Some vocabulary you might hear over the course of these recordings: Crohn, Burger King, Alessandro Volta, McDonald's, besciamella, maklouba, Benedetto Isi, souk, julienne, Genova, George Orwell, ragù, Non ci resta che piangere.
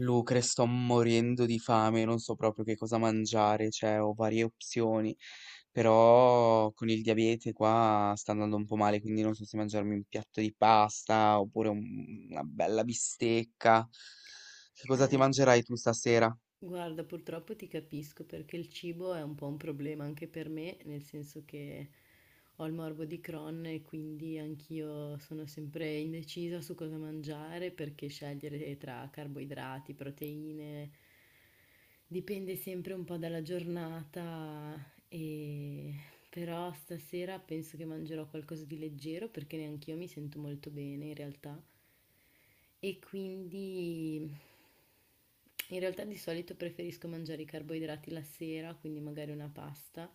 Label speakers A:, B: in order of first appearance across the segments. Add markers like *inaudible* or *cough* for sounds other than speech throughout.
A: Lucre, sto morendo di fame, non so proprio che cosa mangiare, cioè ho varie opzioni, però con il diabete qua sta andando un po' male, quindi non so se mangiarmi un piatto di pasta oppure una bella bistecca. Che cosa ti
B: Eh,
A: mangerai tu stasera?
B: guarda, purtroppo ti capisco perché il cibo è un po' un problema anche per me, nel senso che ho il morbo di Crohn e quindi anch'io sono sempre indecisa su cosa mangiare perché scegliere tra carboidrati, proteine, dipende sempre un po' dalla giornata e però stasera penso che mangerò qualcosa di leggero perché neanch'io mi sento molto bene in realtà. E quindi in realtà di solito preferisco mangiare i carboidrati la sera, quindi magari una pasta,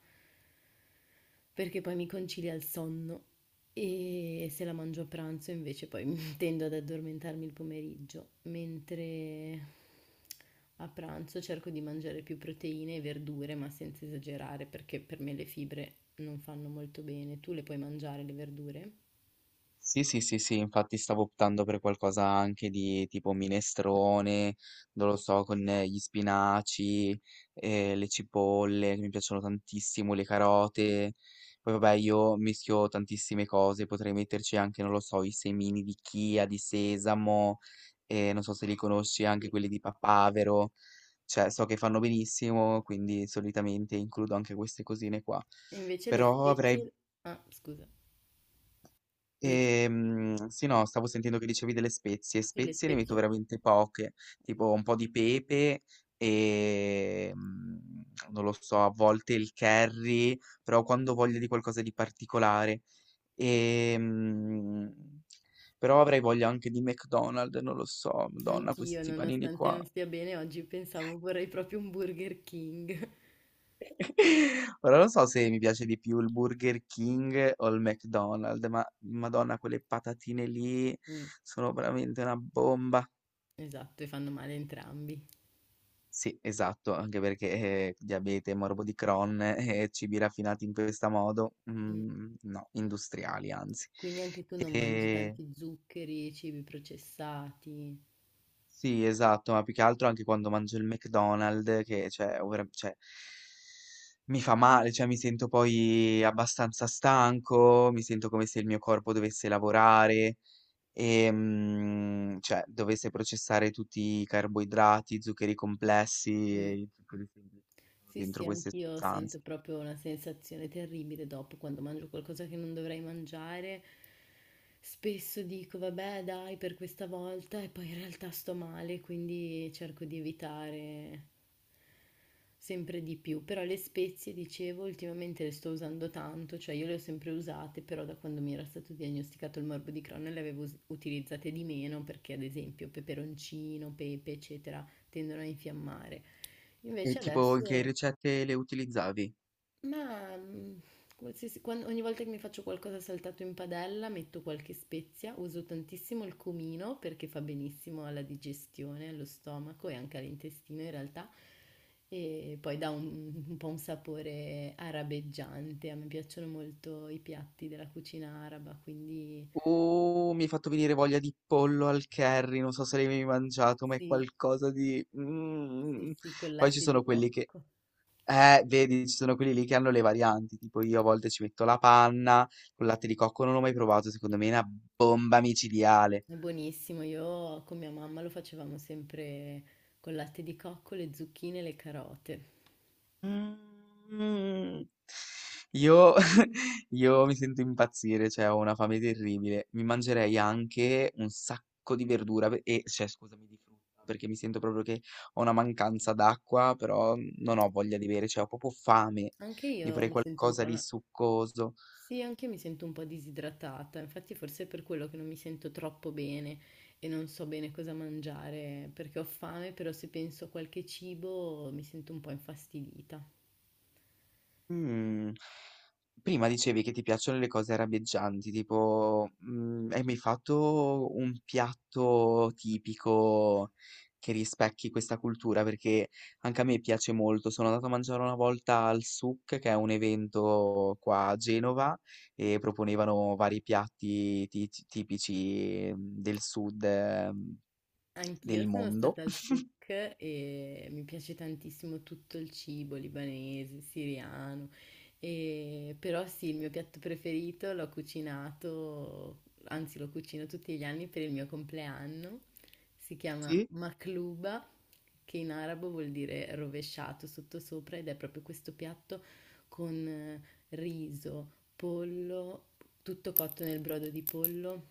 B: perché poi mi concilia il sonno e se la mangio a pranzo invece poi *laughs* tendo ad addormentarmi il pomeriggio, mentre a pranzo cerco di mangiare più proteine e verdure, ma senza esagerare, perché per me le fibre non fanno molto bene. Tu le puoi mangiare le verdure?
A: Sì, sì, sì, sì, infatti stavo optando per qualcosa anche di tipo minestrone, non lo so, con gli spinaci, le cipolle, che mi piacciono tantissimo, le carote. Poi vabbè, io mischio tantissime cose, potrei metterci anche, non lo so, i semini di chia, di sesamo, non so se li conosci, anche
B: Sì.
A: quelli di papavero. Cioè, so che fanno benissimo, quindi solitamente includo anche queste cosine qua.
B: E invece le
A: Però avrei
B: spezie... Ah, scusa. Le,
A: Sì, no, stavo sentendo che dicevi delle spezie.
B: sì, le
A: Spezie ne metto
B: spezie...
A: veramente poche, tipo un po' di pepe e non lo so, a volte il curry, però quando ho voglia di qualcosa di particolare. Ehm, Però avrei voglia anche di McDonald's, non lo so, Madonna,
B: Anch'io,
A: questi panini
B: nonostante
A: qua.
B: non stia bene, oggi pensavo vorrei proprio un Burger King. *laughs*
A: *laughs* Ora non so se mi piace di più il Burger King o il McDonald's, ma Madonna, quelle patatine lì
B: Mm,
A: sono veramente una bomba.
B: esatto, e fanno male entrambi.
A: Sì, esatto, anche perché, diabete, morbo di Crohn e cibi raffinati in questa modo,
B: Mm.
A: no, industriali anzi.
B: Quindi anche tu non mangi
A: Ehm,
B: tanti zuccheri, cibi processati.
A: sì, esatto, ma più che altro anche quando mangio il McDonald's che cioè o vera cioè mi fa male, cioè mi sento poi abbastanza stanco, mi sento come se il mio corpo dovesse lavorare. Cioè dovesse processare tutti i carboidrati, zuccheri complessi e
B: Mm.
A: i zuccheri semplici che sono
B: Sì,
A: dentro
B: sì,
A: queste
B: anch'io
A: sostanze.
B: sento proprio una sensazione terribile dopo quando mangio qualcosa che non dovrei mangiare. Spesso dico, vabbè, dai, per questa volta e poi in realtà sto male, quindi cerco di evitare sempre di più. Però le spezie, dicevo, ultimamente le sto usando tanto, cioè io le ho sempre usate, però da quando mi era stato diagnosticato il morbo di Crohn le avevo utilizzate di meno perché ad esempio peperoncino, pepe, eccetera, tendono a infiammare.
A: E
B: Invece
A: tipo in che
B: adesso
A: ricette le utilizzavi?
B: ma, qualsiasi quan ogni volta che mi faccio qualcosa saltato in padella metto qualche spezia, uso tantissimo il cumino perché fa benissimo alla digestione, allo stomaco e anche all'intestino in realtà, e poi dà un po' un sapore arabeggiante. A me piacciono molto i piatti della cucina araba, quindi
A: Mi hai fatto venire voglia di pollo al curry, non so se l'hai mai mangiato, ma è
B: sì,
A: qualcosa di...
B: sì,
A: Mm.
B: sì, col
A: Poi ci
B: latte
A: sono
B: di
A: quelli che...
B: cocco.
A: Vedi, ci sono quelli lì che hanno le varianti, tipo io a volte ci metto la panna, col latte di cocco non l'ho mai provato, secondo me è una bomba micidiale.
B: È buonissimo, io con mia mamma lo facevamo sempre col latte di cocco, le zucchine e le carote.
A: Mhmm, io *laughs* io mi sento impazzire, cioè ho una fame terribile. Mi mangerei anche un sacco di verdura pe e cioè scusami, di frutta, perché mi sento proprio che ho una mancanza d'acqua, però non ho voglia di bere, cioè ho proprio fame.
B: Anche
A: Mi
B: io
A: farei
B: mi sento un po'...
A: qualcosa di
B: una-
A: succoso.
B: Sì, anche io mi sento un po' disidratata, infatti forse è per quello che non mi sento troppo bene e non so bene cosa mangiare, perché ho fame, però se penso a qualche cibo mi sento un po' infastidita.
A: Mhmm, prima dicevi che ti piacciono le cose arabeggianti, tipo, hai mai fatto un piatto tipico che rispecchi questa cultura? Perché anche a me piace molto. Sono andato a mangiare una volta al souk, che è un evento qua a Genova, e proponevano vari piatti ti tipici, del sud,
B: Anch'io
A: del
B: sono
A: mondo.
B: stata al souk e mi piace tantissimo tutto il cibo libanese, siriano, però sì, il mio piatto preferito l'ho cucinato, anzi lo cucino tutti gli anni per il mio compleanno, si chiama
A: Sì,
B: maklouba, che in arabo vuol dire rovesciato sottosopra ed è proprio questo piatto con riso, pollo, tutto cotto nel brodo di pollo.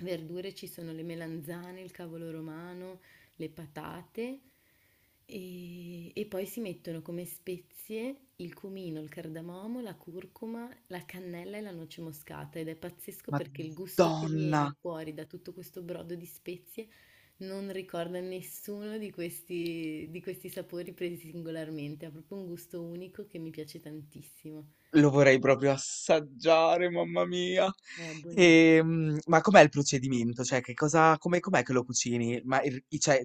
B: Verdure ci sono le melanzane, il cavolo romano, le patate e poi si mettono come spezie il cumino, il cardamomo, la curcuma, la cannella e la noce moscata ed è pazzesco perché il gusto che
A: Madonna!
B: viene fuori da tutto questo brodo di spezie non ricorda nessuno di questi, di questi sapori presi singolarmente, ha proprio un gusto unico che mi piace tantissimo.
A: Lo vorrei proprio assaggiare, mamma mia.
B: È buonissimo.
A: Ma com'è il procedimento? Cioè, che cosa, come, com'è che lo cucini? Ma cioè,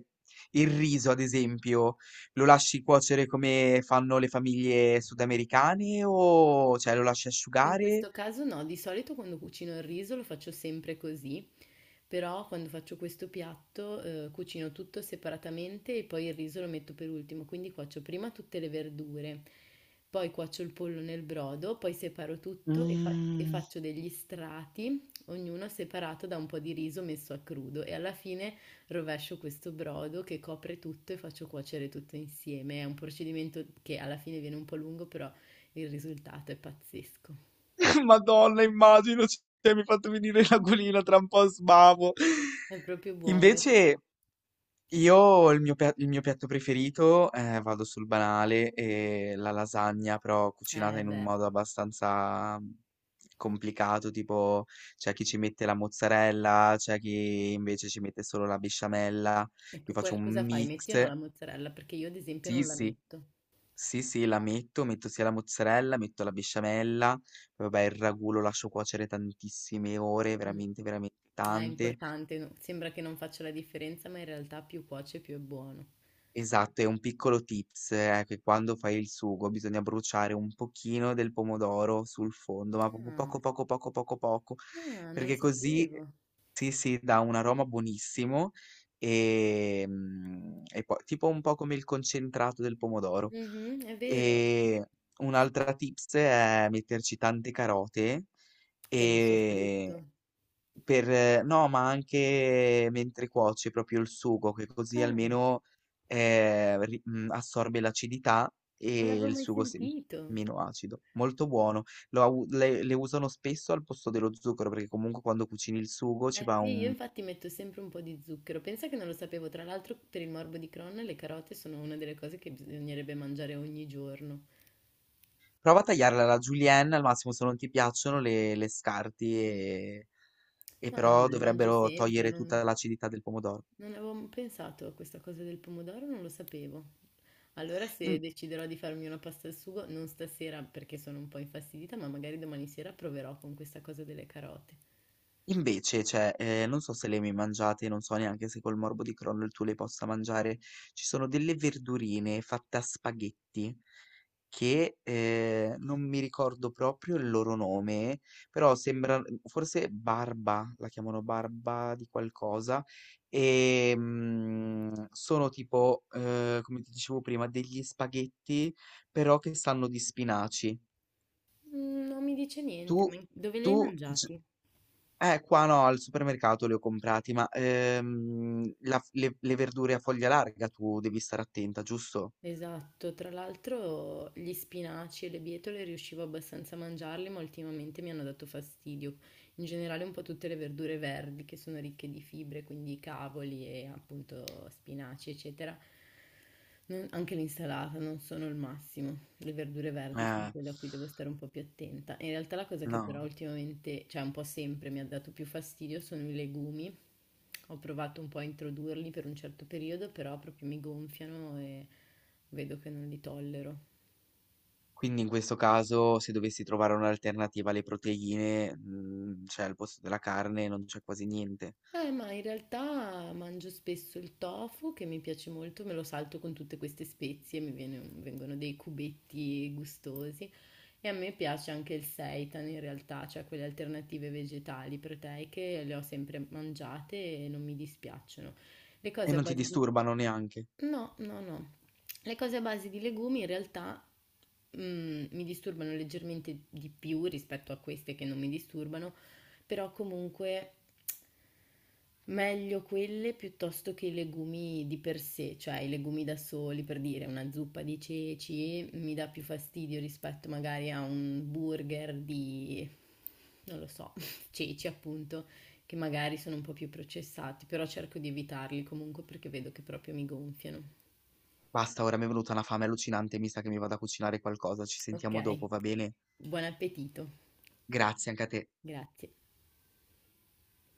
A: il riso, ad esempio, lo lasci cuocere come fanno le famiglie sudamericane o cioè, lo lasci
B: In
A: asciugare?
B: questo caso no, di solito quando cucino il riso lo faccio sempre così, però quando faccio questo piatto cucino tutto separatamente e poi il riso lo metto per ultimo, quindi cuocio prima tutte le verdure, poi cuocio il pollo nel brodo, poi separo tutto e, e
A: Mm,
B: faccio degli strati, ognuno separato da un po' di riso messo a crudo e alla fine rovescio questo brodo che copre tutto e faccio cuocere tutto insieme. È un procedimento che alla fine viene un po' lungo, però il risultato è pazzesco.
A: *laughs* Madonna, immagino, cioè, mi ha fatto venire la l'aquilina tra un po' sbavo.
B: È proprio buono. E
A: Invece, io il mio piatto preferito, vado sul banale, è la lasagna, però cucinata in un
B: beh,
A: modo abbastanza complicato, tipo c'è chi ci mette la mozzarella, c'è chi invece ci mette solo la besciamella,
B: e tu
A: io faccio un
B: cosa fai? Metti o no
A: mix,
B: la mozzarella? Perché io ad esempio
A: sì
B: non la
A: sì,
B: metto.
A: sì sì, la metto, metto sia la mozzarella, metto la besciamella, poi vabbè il ragù lo lascio cuocere tantissime ore,
B: Mm.
A: veramente veramente
B: È
A: tante.
B: importante, no? Sembra che non faccia la differenza, ma in realtà più cuoce più è buono.
A: Esatto, è un piccolo tips, è che quando fai il sugo bisogna bruciare un pochino del pomodoro sul fondo, ma proprio
B: Ah,
A: poco, poco, poco, poco, poco,
B: ah, non lo
A: perché così,
B: sapevo.
A: sì, sì, dà un aroma buonissimo e, e poi tipo un po' come il concentrato del pomodoro.
B: Mhm, è vero.
A: E un'altra tips è metterci tante carote
B: Per il
A: e
B: soffritto.
A: per no, ma anche mentre cuoci proprio il sugo, che così
B: Ah,
A: almeno, assorbe l'acidità
B: non
A: e
B: l'avevo
A: il
B: mai
A: sugo si
B: sentito.
A: meno acido. Molto buono. Lo au le usano spesso al posto dello zucchero, perché comunque quando cucini il sugo ci
B: Eh
A: va
B: sì, io
A: un
B: infatti metto sempre un po' di zucchero. Pensa che non lo sapevo. Tra l'altro, per il morbo di Crohn, le carote sono una delle cose che bisognerebbe mangiare ogni giorno.
A: prova a tagliarla alla julienne, al massimo se non ti piacciono le scarti,
B: Mm.
A: e
B: No, no,
A: però
B: ma le mangio
A: dovrebbero
B: sempre,
A: togliere
B: non,
A: tutta l'acidità del pomodoro.
B: non avevo pensato a questa cosa del pomodoro, non lo sapevo. Allora se
A: In
B: deciderò di farmi una pasta al sugo, non stasera perché sono un po' infastidita, ma magari domani sera proverò con questa cosa delle carote.
A: Invece, cioè, non so se le hai mai mangiate, non so neanche se col morbo di Crohn tu le possa mangiare, ci sono delle verdurine fatte a spaghetti che, non mi ricordo proprio il loro nome, però sembra forse barba, la chiamano barba di qualcosa, sono tipo, come ti dicevo prima, degli spaghetti però che sanno di spinaci.
B: Mm, non mi dice
A: Tu
B: niente, ma dove le hai
A: tu g
B: mangiati?
A: qua no, al supermercato li ho comprati, ma, la f le verdure a foglia larga tu devi stare attenta, giusto?
B: Esatto, tra l'altro gli spinaci e le bietole riuscivo abbastanza a mangiarli, ma ultimamente mi hanno dato fastidio. In generale un po' tutte le verdure verdi che sono ricche di fibre, quindi cavoli e appunto spinaci, eccetera. Anche l'insalata non sono il massimo. Le verdure verdi sono
A: Eh,
B: quelle a cui devo stare un po' più attenta. In realtà la cosa che però
A: no.
B: ultimamente, cioè un po' sempre mi ha dato più fastidio sono i legumi. Ho provato un po' a introdurli per un certo periodo, però proprio mi gonfiano e vedo che non li tollero.
A: Quindi in questo caso se dovessi trovare un'alternativa alle proteine, cioè al posto della carne non c'è quasi niente.
B: Ma in realtà mangio spesso il tofu che mi piace molto, me lo salto con tutte queste spezie, vengono dei cubetti gustosi e a me piace anche il seitan in realtà, cioè quelle alternative vegetali proteiche, le ho sempre mangiate e non mi dispiacciono. Le
A: E
B: cose a
A: non ti
B: base di...
A: disturbano neanche.
B: No, no, no. Le cose a base di legumi in realtà mm, mi disturbano leggermente di più rispetto a queste che non mi disturbano, però comunque meglio quelle piuttosto che i legumi di per sé, cioè i legumi da soli, per dire una zuppa di ceci mi dà più fastidio rispetto magari a un burger di, non lo so, *laughs* ceci appunto, che magari sono un po' più processati, però cerco di evitarli comunque perché vedo che proprio mi gonfiano.
A: Basta, ora mi è venuta una fame allucinante, mi sa che mi vado a cucinare qualcosa. Ci
B: Ok.
A: sentiamo dopo, va bene?
B: Buon appetito,
A: Grazie anche a te.
B: grazie.